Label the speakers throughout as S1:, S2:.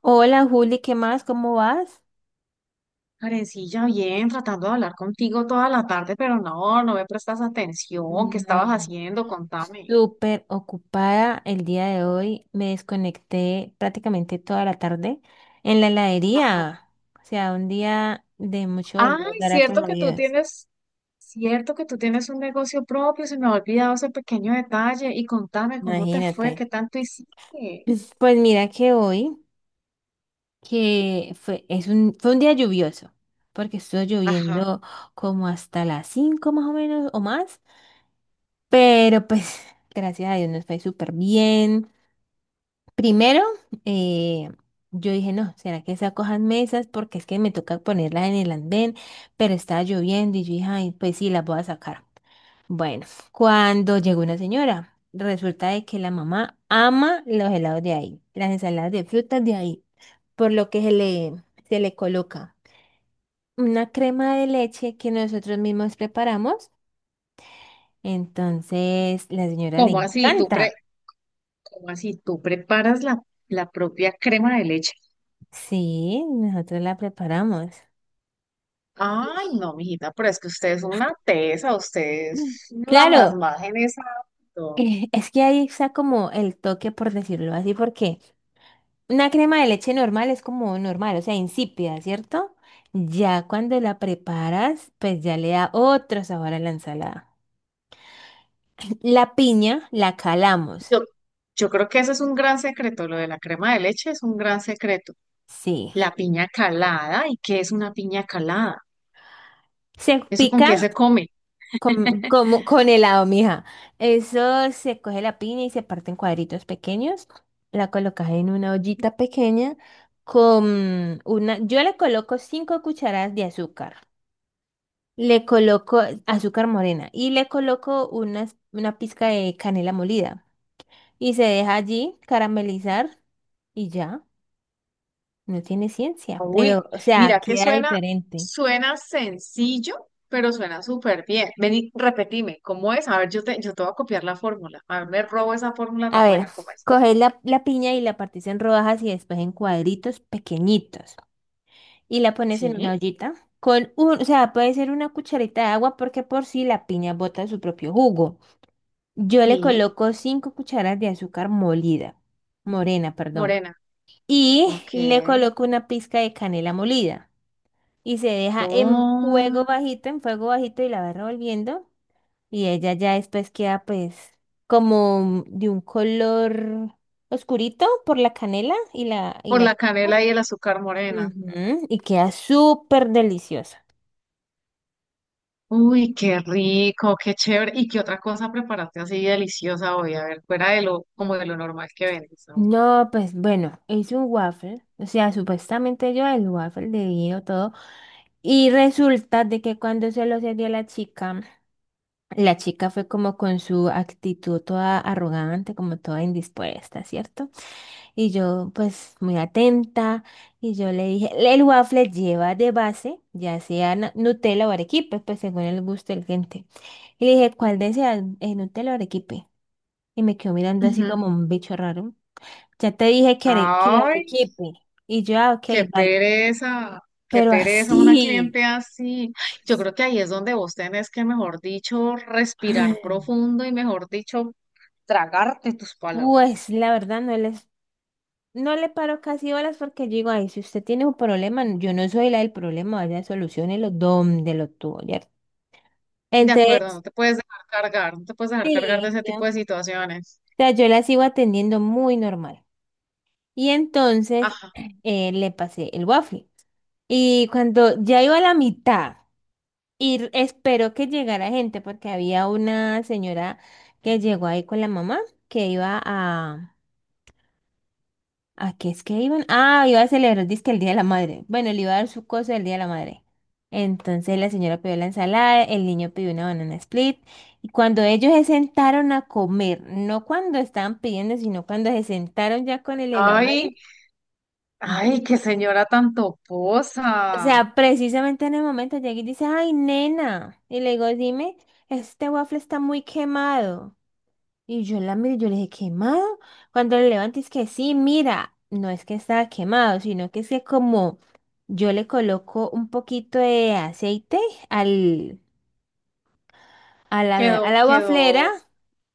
S1: Hola Juli, ¿qué más? ¿Cómo vas?
S2: Karencilla, bien, tratando de hablar contigo toda la tarde, pero no me prestas atención. ¿Qué estabas
S1: No,
S2: haciendo? Contame.
S1: súper ocupada el día de hoy. Me desconecté prácticamente toda la tarde en la
S2: Ajá.
S1: heladería. O sea, un día de mucho olor,
S2: Ay,
S1: gracias
S2: cierto
S1: a
S2: que tú
S1: Dios.
S2: tienes, cierto que tú tienes un negocio propio, se me ha olvidado ese pequeño detalle. Y contame cómo te fue,
S1: Imagínate.
S2: qué tanto hiciste.
S1: Pues mira que hoy, que fue, es un, fue un día lluvioso, porque estuvo
S2: Ajá.
S1: lloviendo como hasta las 5 más o menos o más. Pero pues, gracias a Dios nos fue súper bien. Primero, eh, yo dije, no, ¿será que se acojan mesas? Porque es que me toca ponerlas en el andén, pero estaba lloviendo y yo dije, ay, pues sí, las voy a sacar. Bueno, cuando llegó una señora, resulta de que la mamá ama los helados de ahí, las ensaladas de frutas de ahí, por lo que se le coloca una crema de leche que nosotros mismos preparamos. Entonces, la señora le
S2: ¿Cómo así? ¿Tú pre,
S1: encanta.
S2: ¿cómo así? ¿Tú preparas la propia crema de leche?
S1: Sí, nosotros la preparamos.
S2: Ay, no, mijita, pero es que usted es una tesa, usted es la más
S1: Claro,
S2: maja en esa.
S1: es que ahí está como el toque, por decirlo así, porque una crema de leche normal es como normal, o sea, insípida, ¿cierto? Ya cuando la preparas, pues ya le da otro sabor a la ensalada. La piña la calamos,
S2: Yo, yo creo que ese es un gran secreto, lo de la crema de leche es un gran secreto.
S1: sí.
S2: La piña calada, ¿y qué es una piña calada?
S1: Se
S2: ¿Eso con qué
S1: pica
S2: se come?
S1: como con helado, mija. Eso se coge la piña y se parte en cuadritos pequeños. La colocas en una ollita pequeña Yo le coloco 5 cucharadas de azúcar. Le coloco azúcar morena y le coloco una pizca de canela molida y se deja allí caramelizar y ya, no tiene ciencia,
S2: Uy,
S1: pero o sea,
S2: mira que
S1: queda
S2: suena,
S1: diferente.
S2: suena sencillo, pero suena súper bien. Vení, repetime, ¿cómo es? A ver, yo te voy a copiar la fórmula. A ver, me robo esa fórmula
S1: A
S2: tan
S1: ver,
S2: buena, ¿cómo es?
S1: coges la piña y la partís en rodajas y después en cuadritos pequeñitos y la pones en una
S2: Sí,
S1: ollita o sea, puede ser una cucharita de agua porque por si la piña bota su propio jugo. Yo le
S2: sí,
S1: coloco 5 cucharas de azúcar molida, morena, perdón.
S2: morena.
S1: Y
S2: Ok.
S1: le coloco una pizca de canela molida y se deja
S2: Oh,
S1: en fuego bajito y la va revolviendo y ella ya después queda pues como de un color oscurito por la canela y la y
S2: por
S1: la
S2: la canela y el azúcar morena.
S1: Ujú, y queda súper deliciosa.
S2: Uy, qué rico, qué chévere. ¿Y qué otra cosa preparaste así deliciosa hoy? A ver, fuera de lo, como de lo normal que vendes. A ver.
S1: No, pues bueno, hice un waffle, o sea, supuestamente yo el waffle de vino todo y resulta de que cuando se lo serví a la chica. La chica fue como con su actitud toda arrogante, como toda indispuesta, ¿cierto? Y yo, pues, muy atenta, y yo le dije, el waffle lleva de base, ya sea Nutella o arequipe, pues según el gusto del gente. Y le dije, ¿cuál deseas, Nutella o arequipe? Y me quedó mirando así
S2: Ujú.
S1: como un bicho raro. Ya te dije que
S2: Ay,
S1: arequipe. Y yo, ah, ok,
S2: qué
S1: vale.
S2: pereza, qué
S1: Pero
S2: pereza una
S1: así.
S2: cliente así. Ay, yo creo que ahí es donde vos tenés que, mejor dicho, respirar profundo y, mejor dicho, tragarte tus palabras.
S1: Pues la verdad no le paro casi horas porque digo, ay, si usted tiene un problema, yo no soy la del problema, vaya, soluciónelo donde lo tuvo, ¿cierto?
S2: De acuerdo,
S1: Entonces,
S2: no te puedes dejar cargar, no te puedes dejar cargar de
S1: sí,
S2: ese
S1: yo,
S2: tipo de
S1: o
S2: situaciones.
S1: sea, yo la sigo atendiendo muy normal. Y entonces
S2: Ajá.
S1: le pasé el waffle. Y cuando ya iba a la mitad, esperó que llegara gente, porque había una señora que llegó ahí con la mamá, que iba a, ¿a qué es que iban? Ah, iba a celebrar, dizque el Día de la Madre. Bueno, le iba a dar su cosa del Día de la Madre. Entonces la señora pidió la ensalada, el niño pidió una banana split. Y cuando ellos se sentaron a comer, no cuando estaban pidiendo, sino cuando se sentaron ya con el helado ahí.
S2: Ay,
S1: Ujú.
S2: ay, qué señora tan
S1: O
S2: toposa.
S1: sea, precisamente en el momento llegué y dice, ay, nena. Y le digo, dime, este waffle está muy quemado. Y yo la miré, yo le dije, ¿quemado? Cuando le levanté es que sí, mira, no es que estaba quemado, sino que es que como yo le coloco un poquito de aceite al, a la, a
S2: Quedó,
S1: la waflera
S2: quedó,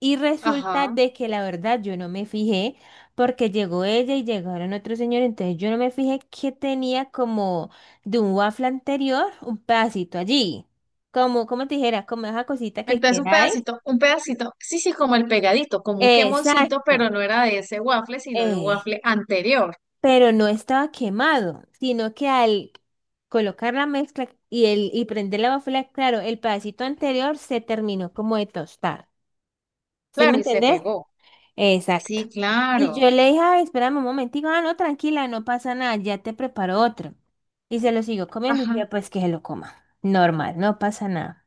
S1: y resulta
S2: ajá.
S1: de que la verdad yo no me fijé porque llegó ella y llegaron otros señores, entonces yo no me fijé que tenía como de un waffle anterior un pedacito allí, como te dijera, como esa cosita que
S2: Entonces
S1: queda ahí.
S2: un pedacito, sí, sí, como el pegadito, como un quemoncito,
S1: Exacto.
S2: pero no era de ese waffle, sino de un
S1: Eh,
S2: waffle anterior.
S1: pero no estaba quemado, sino que al colocar la mezcla y prender la bafla, claro, el pedacito anterior se terminó como de tostar. ¿Sí me
S2: Claro, y se
S1: entendés?
S2: pegó.
S1: Exacto.
S2: Sí,
S1: Y yo
S2: claro.
S1: le dije, ay, espérame un momentico, ah, no, tranquila, no pasa nada, ya te preparo otro. Y se lo siguió comiendo y
S2: Ajá.
S1: dije, pues que se lo coma. Normal, no pasa nada.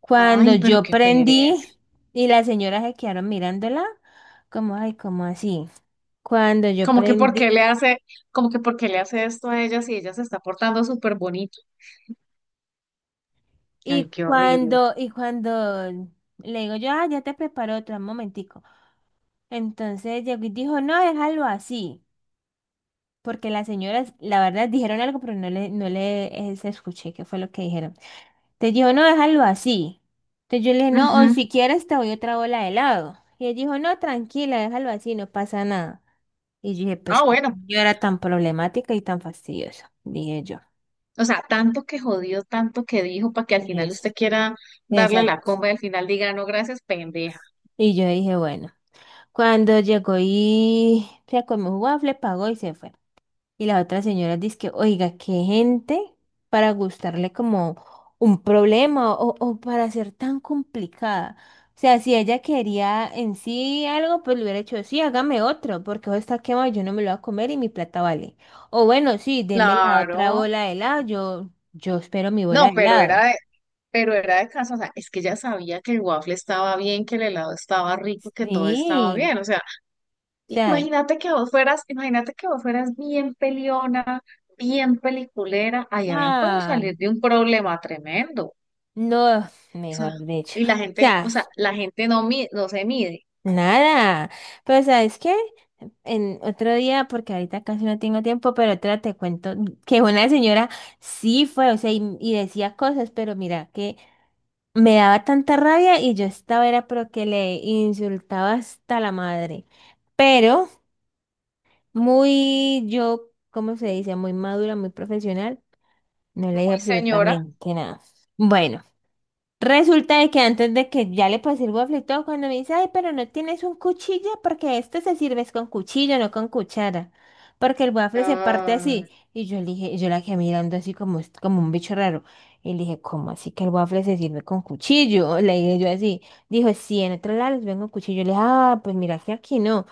S1: Cuando
S2: Ay, pero
S1: yo
S2: qué pereza.
S1: prendí y las señoras se quedaron mirándola, como, ay, como así. Cuando yo
S2: Como que por qué le
S1: prendí
S2: hace, como que por qué le hace esto a ella si ella se está portando súper bonito.
S1: Y
S2: Ay, qué horrible.
S1: cuando, y cuando le digo yo, ah, ya te preparo otra, un momentico. Entonces llegó y dijo, no, déjalo así. Porque las señoras, la verdad, dijeron algo, pero no le se escuché qué fue lo que dijeron. Te dijo, no, déjalo así. Entonces yo le dije, no, o
S2: Ujú.
S1: si quieres te doy otra bola de helado. Y ella dijo, no, tranquila, déjalo así, no pasa nada. Y yo dije, pues
S2: Ah,
S1: qué
S2: bueno.
S1: señora tan problemática y tan fastidiosa, dije yo.
S2: O sea, tanto que jodió, tanto que dijo para que al final usted
S1: Es,
S2: quiera darle la
S1: exacto.
S2: comba y al final diga, no, gracias, pendeja.
S1: Y yo dije, bueno. Cuando llegó y se comió un waffle, pagó y se fue. Y la otra señora dice que, oiga, qué gente para gustarle como un problema o para ser tan complicada. O sea, si ella quería en sí algo, pues le hubiera dicho, sí, hágame otro, porque hoy está quemado, yo no me lo voy a comer y mi plata vale. O bueno, sí, deme la otra
S2: Claro.
S1: bola de helado, yo espero mi bola
S2: No,
S1: de helado.
S2: pero era de casa, o sea, es que ella sabía que el waffle estaba bien, que el helado estaba rico, que todo estaba
S1: Sí,
S2: bien, o sea,
S1: o sea,
S2: imagínate que vos fueras bien peleona, bien peliculera, ahí habían podido
S1: ah,
S2: salir de un problema tremendo, o
S1: no,
S2: sea,
S1: mejor dicho.
S2: y la
S1: O
S2: gente,
S1: sea,
S2: o sea, la gente no, mi- no se mide,
S1: nada, pero ¿sabes qué? En otro día, porque ahorita casi no tengo tiempo, pero otra te cuento que una señora sí fue, o sea, y decía cosas, pero mira, que me daba tanta rabia y yo estaba, era pero que le insultaba hasta la madre, pero muy, yo, ¿cómo se dice? Muy madura, muy profesional, no le dije
S2: muy señora.
S1: absolutamente nada. Bueno. Resulta de que antes de que ya le pasé el waffle y todo, cuando me dice, ay, pero no tienes un cuchillo, porque este se sirve es con cuchillo, no con cuchara, porque el waffle se parte
S2: Ah.
S1: así. Y yo le dije, yo la quedé mirando así como, como un bicho raro. Y le dije, ¿cómo así que el waffle se sirve con cuchillo? Le dije yo así. Dijo, sí, en otro lado les vengo cuchillo. Le dije, ah, pues mira que aquí no.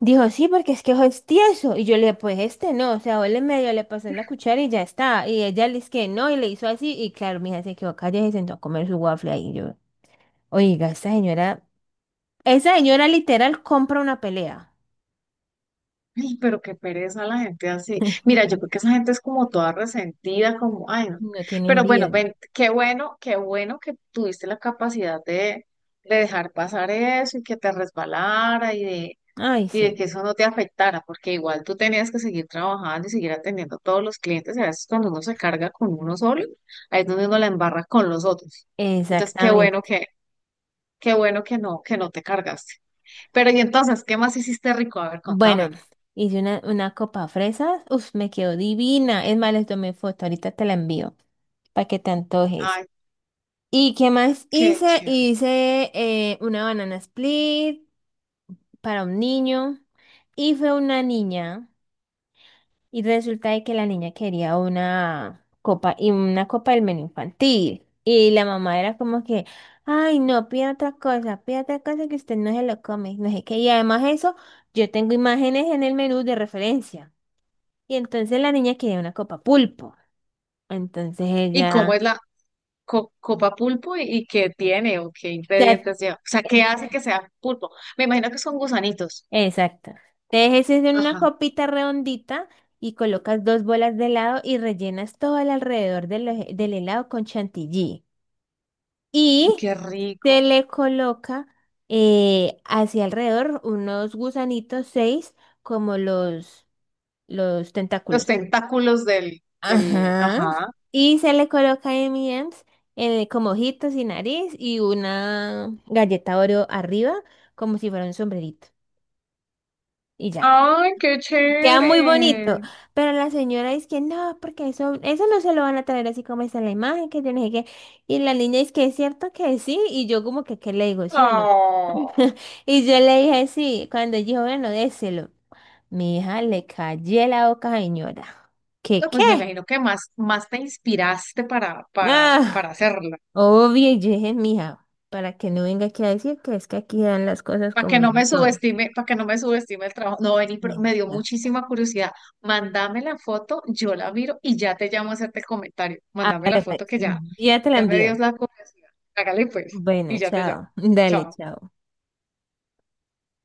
S1: Dijo, sí, porque es que ojo es tieso. Y yo le dije, pues este no, o sea, huele medio, le pasé la cuchara y ya está. Y ella le dice que no, y le hizo así. Y claro, mi hija se quedó callada y se sentó a comer su waffle ahí. Yo, oiga, esta señora, esa señora literal compra una pelea.
S2: Ay, pero qué pereza la gente así. Mira, yo creo que esa gente es como toda resentida, como, ay, no.
S1: No tienen
S2: Pero bueno,
S1: vida.
S2: ven, qué bueno que tuviste la capacidad de dejar pasar eso y que te resbalara
S1: Ay,
S2: y de
S1: sí,
S2: que eso no te afectara, porque igual tú tenías que seguir trabajando y seguir atendiendo a todos los clientes. Y a veces cuando uno se carga con uno solo, ahí es donde uno la embarra con los otros. Entonces,
S1: exactamente.
S2: qué bueno que no te cargaste. Pero y entonces, ¿qué más hiciste rico? A ver, contame.
S1: Bueno, hice una copa fresas. Uf, me quedó divina. Es más, les tomé foto, ahorita te la envío para que te antojes.
S2: Ay,
S1: ¿Y qué más
S2: qué
S1: hice?
S2: chévere.
S1: Hice una banana split. Para un niño y fue una niña y resulta de que la niña quería una copa y una copa del menú infantil y la mamá era como que, ay no, pida otra cosa que usted no se lo come, no sé qué, y además eso, yo tengo imágenes en el menú de referencia y entonces la niña quería una copa pulpo, entonces
S2: ¿Y cómo
S1: ella,
S2: es copa pulpo y qué tiene o qué
S1: o sea,
S2: ingredientes lleva? O sea, ¿qué hace que sea pulpo? Me imagino que son gusanitos.
S1: exacto. Entonces ese es en una
S2: Ajá.
S1: copita redondita y colocas dos bolas de helado y rellenas todo el alrededor del helado con chantilly.
S2: Uy,
S1: Y
S2: qué
S1: se
S2: rico.
S1: le coloca hacia alrededor unos gusanitos, seis, como los
S2: Los
S1: tentáculos.
S2: tentáculos del,
S1: Ajá.
S2: ajá.
S1: Y se le coloca M&M's como ojitos y nariz y una galleta Oreo arriba como si fuera un sombrerito. Y ya.
S2: ¡Ay, qué
S1: Queda muy bonito,
S2: chévere!
S1: pero la señora dice que no, porque eso no se lo van a traer así como está en la imagen, que yo no sé qué. Y la niña dice que es cierto que sí, y yo como que, ¿qué le digo, sí o no?
S2: Oh.
S1: Y yo le dije sí, cuando ella dijo, bueno, déselo. Mi hija le cayó la boca, señora.
S2: No,
S1: ¿Qué qué?
S2: pues me imagino que más te inspiraste para
S1: Ah,
S2: hacerlo.
S1: obvio, y yo dije, mija, para que no venga aquí a decir que es que aquí dan las cosas como no son.
S2: Para que no me subestime el trabajo. No, vení, pero
S1: Sí,
S2: me dio
S1: ya.
S2: muchísima curiosidad. Mándame la foto, yo la miro y ya te llamo a hacerte el comentario. Mándame la
S1: Hágale,
S2: foto
S1: pues,
S2: que ya,
S1: ya te la
S2: ya me dio
S1: envío.
S2: la curiosidad. Hágale pues, y
S1: Bueno,
S2: ya te llamo.
S1: chao. Dale,
S2: Chao.
S1: chao.